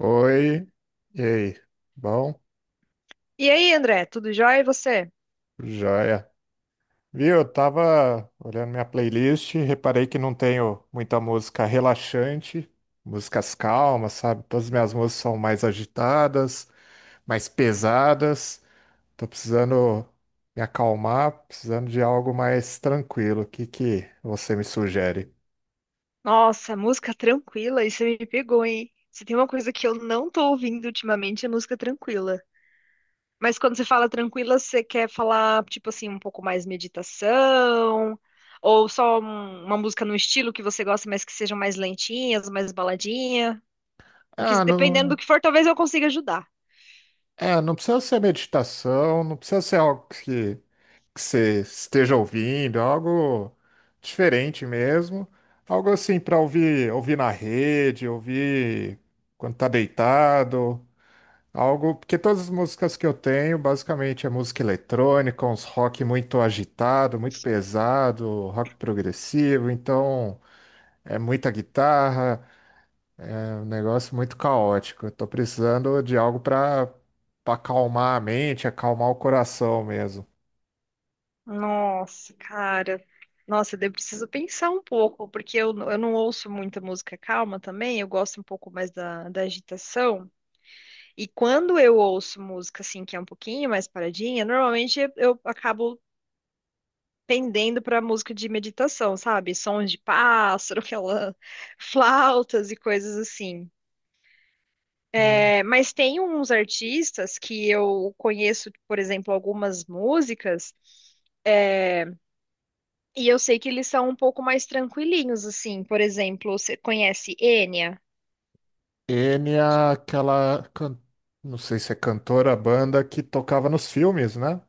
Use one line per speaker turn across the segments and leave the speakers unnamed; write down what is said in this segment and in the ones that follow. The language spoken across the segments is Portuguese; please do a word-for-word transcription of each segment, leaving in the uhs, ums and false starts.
Oi, e aí? Bom,
E aí, André, tudo jóia? E você?
joia. Viu, eu tava olhando minha playlist, reparei que não tenho muita música relaxante, músicas calmas, sabe? Todas as minhas músicas são mais agitadas, mais pesadas. Tô precisando me acalmar, precisando de algo mais tranquilo. O que que você me sugere?
Nossa, música tranquila, isso me pegou, hein? Se tem uma coisa que eu não tô ouvindo ultimamente é música tranquila. Mas quando você fala tranquila, você quer falar, tipo assim, um pouco mais meditação? Ou só um- uma música no estilo que você gosta, mas que sejam mais lentinhas, mais baladinha? Porque
Ah,
dependendo do
não,
que for, talvez eu consiga ajudar.
é, não precisa ser meditação, não precisa ser algo que que você esteja ouvindo, algo diferente mesmo, algo assim para ouvir, ouvir na rede, ouvir quando tá deitado, algo, porque todas as músicas que eu tenho, basicamente é música eletrônica, uns rock muito agitado, muito pesado, rock progressivo, então é muita guitarra, é um negócio muito caótico. Eu tô precisando de algo para para acalmar a mente, acalmar o coração mesmo.
Nossa, cara. Nossa, eu preciso pensar um pouco, porque eu, eu não ouço muita música calma também, eu gosto um pouco mais da, da agitação. E quando eu ouço música assim que é um pouquinho mais paradinha, normalmente eu acabo pendendo para música de meditação, sabe? Sons de pássaro, aquela flautas e coisas assim. É, mas tem uns artistas que eu conheço, por exemplo, algumas músicas, é, e eu sei que eles são um pouco mais tranquilinhos, assim. Por exemplo, você conhece Enya?
N é aquela, can- não sei se é cantora, banda que tocava nos filmes, né?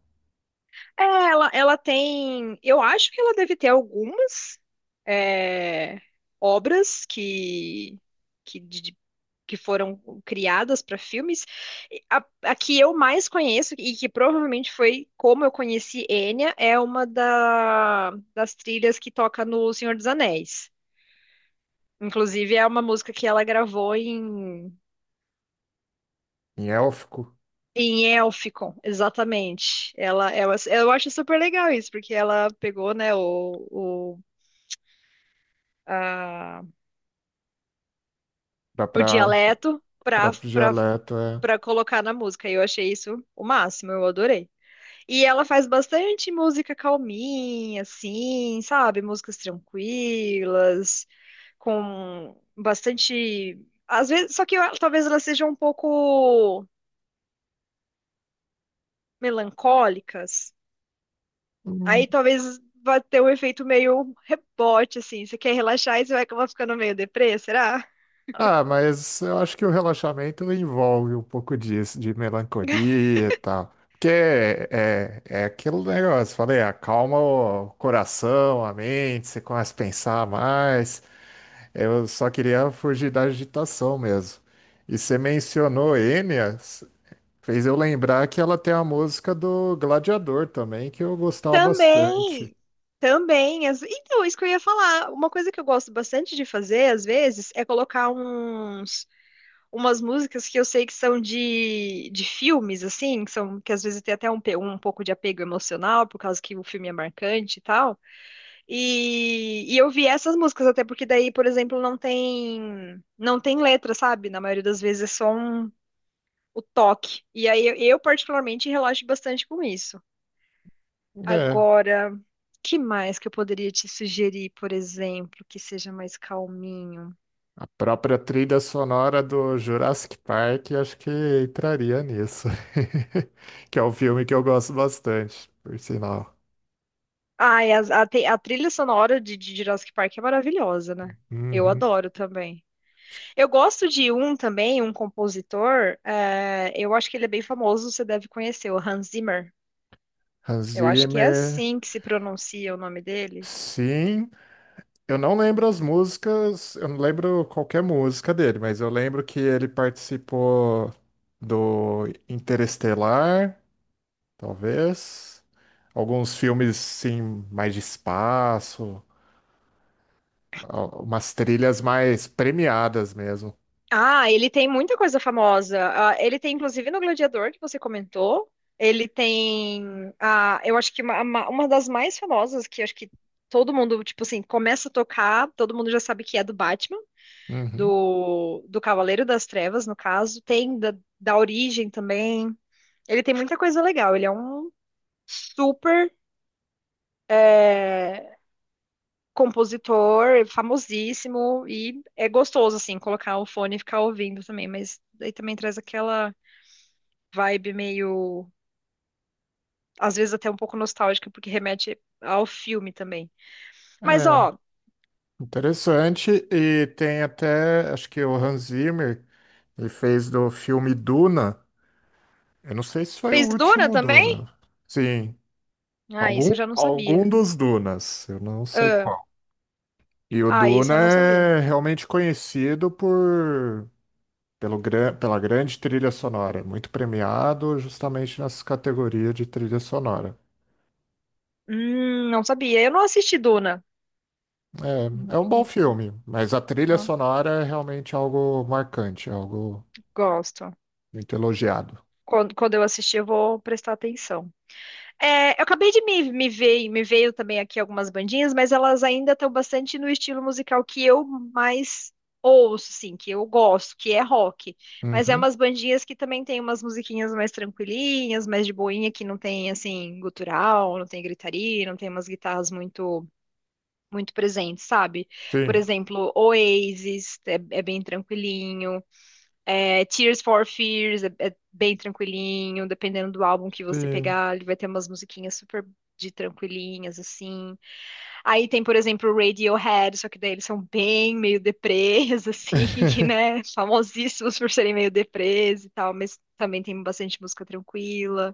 É, ela, ela tem. Eu acho que ela deve ter algumas é, obras que, que, de- que foram criadas para filmes. E A, a que eu mais conheço, e que provavelmente foi como eu conheci Enya, é uma da- das trilhas que toca no Senhor dos Anéis. Inclusive, é uma música que ela gravou em,
Em élfico,
em Elficon, exatamente. Ela, ela, eu acho super legal isso, porque ela pegou, né, o, ah, o
para
dialeto pra,
próprio
pra,
dialeto, é.
pra colocar na música. E eu achei isso o máximo, eu adorei. E ela faz bastante música calminha, assim, sabe? Músicas tranquilas, com bastante. Às vezes, só que eu- talvez elas sejam um pouco melancólicas. Aí talvez vai ter um efeito meio rebote, assim. Você quer relaxar e você vai acabar ficando meio deprê, será?
Ah, mas eu acho que o relaxamento envolve um pouco disso, de melancolia e tal. Porque é, é é aquele negócio, falei, acalma o coração, a mente, você começa a pensar mais. Eu só queria fugir da agitação mesmo. E você mencionou Enya. Fez eu lembrar que ela tem a música do Gladiador também, que eu gostava bastante.
Também, também. as- Então, isso que eu ia falar. Uma coisa que eu gosto bastante de fazer, às vezes, é colocar uns, umas músicas que eu sei que são de, de filmes, assim, que são, que às vezes tem até um, pe- um pouco de apego emocional, por causa que o filme é marcante e tal. E, e eu vi essas músicas, até porque daí, por exemplo, não tem, não tem letra, sabe? Na maioria das vezes é só um, o toque. E aí, eu, eu particularmente, relaxo bastante com isso.
É,
Agora, que mais que eu poderia te sugerir, por exemplo, que seja mais calminho?
a própria trilha sonora do Jurassic Park, acho que entraria nisso. Que é um filme que eu gosto bastante, por sinal.
Ai, as- a, te- a trilha sonora de, de Jurassic Park é maravilhosa, né? Eu
Uhum.
adoro também. Eu gosto de um também, um compositor, eh, eu acho que ele é bem famoso, você deve conhecer, o Hans Zimmer.
Hans
Eu acho que é
Zimmer,
assim que se pronuncia o nome dele.
sim. Eu não lembro as músicas, eu não lembro qualquer música dele, mas eu lembro que ele participou do Interestelar. Talvez alguns filmes sim mais de espaço, al- umas trilhas mais premiadas mesmo.
Ah, ele tem muita coisa famosa. Ah, ele tem, inclusive, no Gladiador, que você comentou. Ele tem, ah, eu acho que uma, uma uma das mais famosas, que acho que todo mundo, tipo assim, começa a tocar, todo mundo já sabe que é do Batman,
Uhum.
do, do Cavaleiro das Trevas, no caso. Tem da, da Origem também. Ele tem muita coisa legal. Ele é um super, eh, compositor, famosíssimo, e é gostoso, assim, colocar o fone e ficar ouvindo também, mas daí também traz aquela vibe meio, às vezes até um pouco nostálgica, porque remete ao filme também. Mas
É
ó,
interessante e tem até, acho que o Hans Zimmer, ele fez do filme Duna. Eu não sei se foi o
fez Duna
último
também?
Duna. Sim,
Ah, isso
algum
eu já não
algum
sabia.
dos Dunas, eu não sei
Ah,
qual. E o
ah, isso
Duna
eu não sabia.
é realmente conhecido por pelo gran- pela grande trilha sonora, muito premiado justamente nessa categoria de trilha sonora.
Hum, não sabia. Eu não assisti Duna.
É,
Hum,
é um bom
hum,
filme, mas a trilha
ah,
sonora é realmente algo marcante, algo
gosto.
muito elogiado.
Quando, quando eu assistir, eu vou prestar atenção. É, eu acabei de me, me ver, me veio também aqui algumas bandinhas, mas elas ainda estão bastante no estilo musical que eu mais ouço, assim, que eu gosto, que é rock. Mas é
Uhum,
umas bandinhas que também tem umas musiquinhas mais tranquilinhas, mais de boinha, que não tem, assim, gutural, não tem gritaria, não tem umas guitarras muito, muito presentes, sabe? Por
sim,
exemplo, Oasis é, é bem tranquilinho. É, Tears for Fears é, é bem tranquilinho, dependendo do álbum que você
sim.
pegar, ele vai ter umas musiquinhas super de tranquilinhas, assim. Aí tem, por exemplo, o Radiohead, só que daí eles são bem meio deprês, assim, né? Famosíssimos por serem meio deprês e tal, mas também tem bastante música tranquila.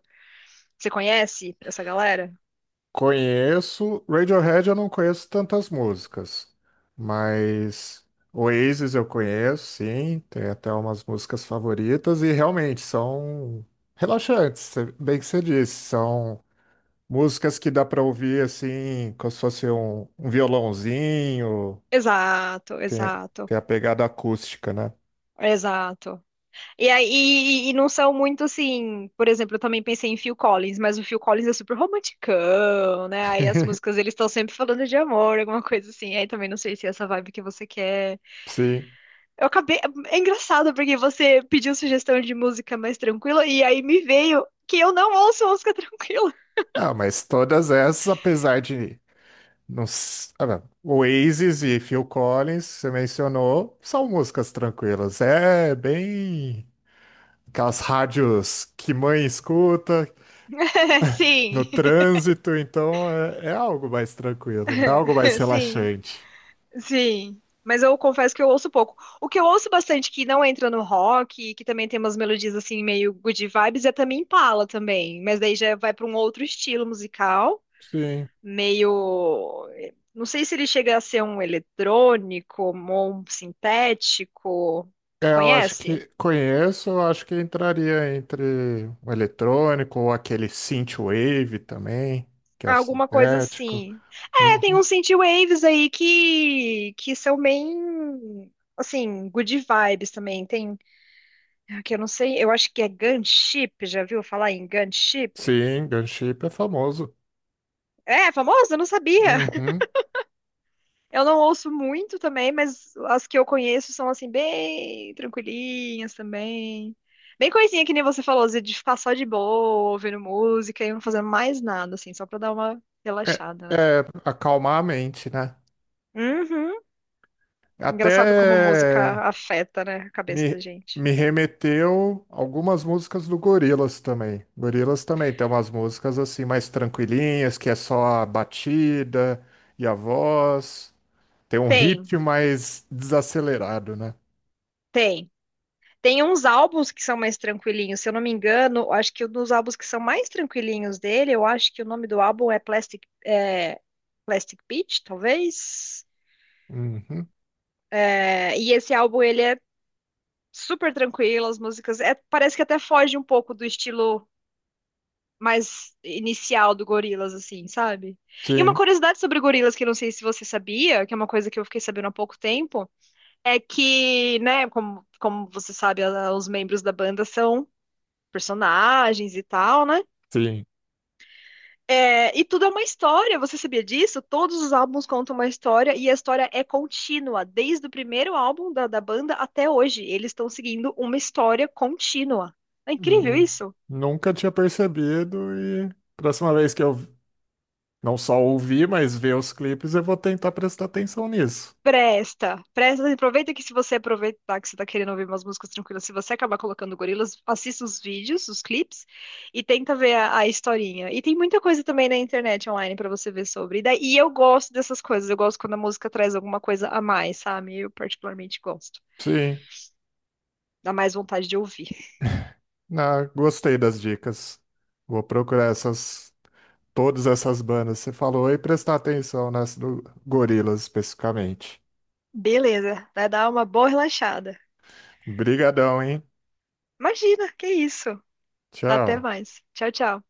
Você conhece essa galera?
Conheço, Radiohead eu não conheço tantas músicas, mas Oasis eu conheço, sim, tem até umas músicas favoritas e realmente são relaxantes, cê- bem que você disse, são músicas que dá pra ouvir assim, como se fosse um, um violãozinho,
Exato,
tem,
exato,
tem a pegada acústica, né?
exato. E, aí- e, e não são muito assim, por exemplo, eu também pensei em Phil Collins, mas o Phil Collins é super romanticão, né? Aí as músicas eles estão sempre falando de amor, alguma coisa assim. Aí também não sei se é essa vibe que você quer.
Sim.
Eu acabei. É engraçado porque você pediu sugestão de música mais tranquila e aí me veio que eu não ouço música tranquila.
Ah, mas todas essas, apesar de não, s- ah, não, Oasis e Phil Collins, você mencionou, são músicas tranquilas. É bem aquelas rádios que mãe escuta no
Sim,
trânsito, então é, é algo mais tranquilo, é algo mais
sim.
relaxante.
Sim, mas eu confesso que eu ouço pouco. O que eu ouço bastante que não entra no rock, que também tem umas melodias assim meio good vibes, é também Impala também, mas daí já vai para um outro estilo musical,
Sim.
meio não sei se ele chega a ser um eletrônico ou um sintético.
É, eu acho
Conhece?
que conheço, eu acho que entraria entre o eletrônico ou aquele synthwave também, que é o
Alguma coisa
sintético.
assim. É,
Uhum.
tem uns synthwaves aí que que são bem assim, good vibes também. Tem Ah, que eu não sei, eu acho que é gunship, já viu falar em gunship?
Sim, gunship é famoso.
É, famoso? Eu não sabia.
Uhum.
Eu não ouço muito também, mas as que eu conheço são assim, bem tranquilinhas também. Bem coisinha que nem você falou, assim, de ficar só de boa, ouvindo música e não fazendo mais nada, assim, só pra dar uma
É,
relaxada, né?
é acalmar a mente, né?
Uhum.
Até
Engraçado como a música afeta, né, a cabeça
me,
da gente.
me remeteu algumas músicas do Gorillaz também. Gorillaz também tem umas músicas assim mais tranquilinhas, que é só a batida e a voz. Tem um
Tem,
ritmo mais desacelerado, né?
tem. Tem uns álbuns que são mais tranquilinhos, se eu não me engano, acho que um dos álbuns que são mais tranquilinhos dele, eu acho que o nome do álbum é Plastic, é, Plastic Beach, talvez.
Uhum.
É, e esse álbum ele é super tranquilo, as músicas é, parece que até foge um pouco do estilo mais inicial do Gorillaz, assim, sabe? E uma
Sim,
curiosidade sobre o Gorillaz que eu não sei se você sabia, que é uma coisa que eu fiquei sabendo há pouco tempo, é que, né, como, como você sabe, a- os membros da banda são personagens e tal, né?
sim.
É, e tudo é uma história, você sabia disso? Todos os álbuns contam uma história e a história é contínua, desde o primeiro álbum da, da banda até hoje. Eles estão seguindo uma história contínua. É incrível
Hum,
isso?
nunca tinha percebido e próxima vez que eu não só ouvir, mas ver os clipes, eu vou tentar prestar atenção nisso.
Presta, presta, aproveita que se você aproveitar que você tá querendo ouvir umas músicas tranquilas, se você acabar colocando gorilas, assista os vídeos, os clipes e tenta ver a, a historinha. E tem muita coisa também na internet online pra você ver sobre. E daí e eu gosto dessas coisas, eu gosto quando a música traz alguma coisa a mais, sabe? Eu particularmente gosto.
Sim,
Dá mais vontade de ouvir.
ah, gostei das dicas. Vou procurar essas, todas essas bandas que você falou e prestar atenção nessa do Gorillaz especificamente.
Beleza, vai dar uma boa relaxada.
Brigadão, hein?
Imagina, que isso. Até
Tchau.
mais. Tchau, tchau.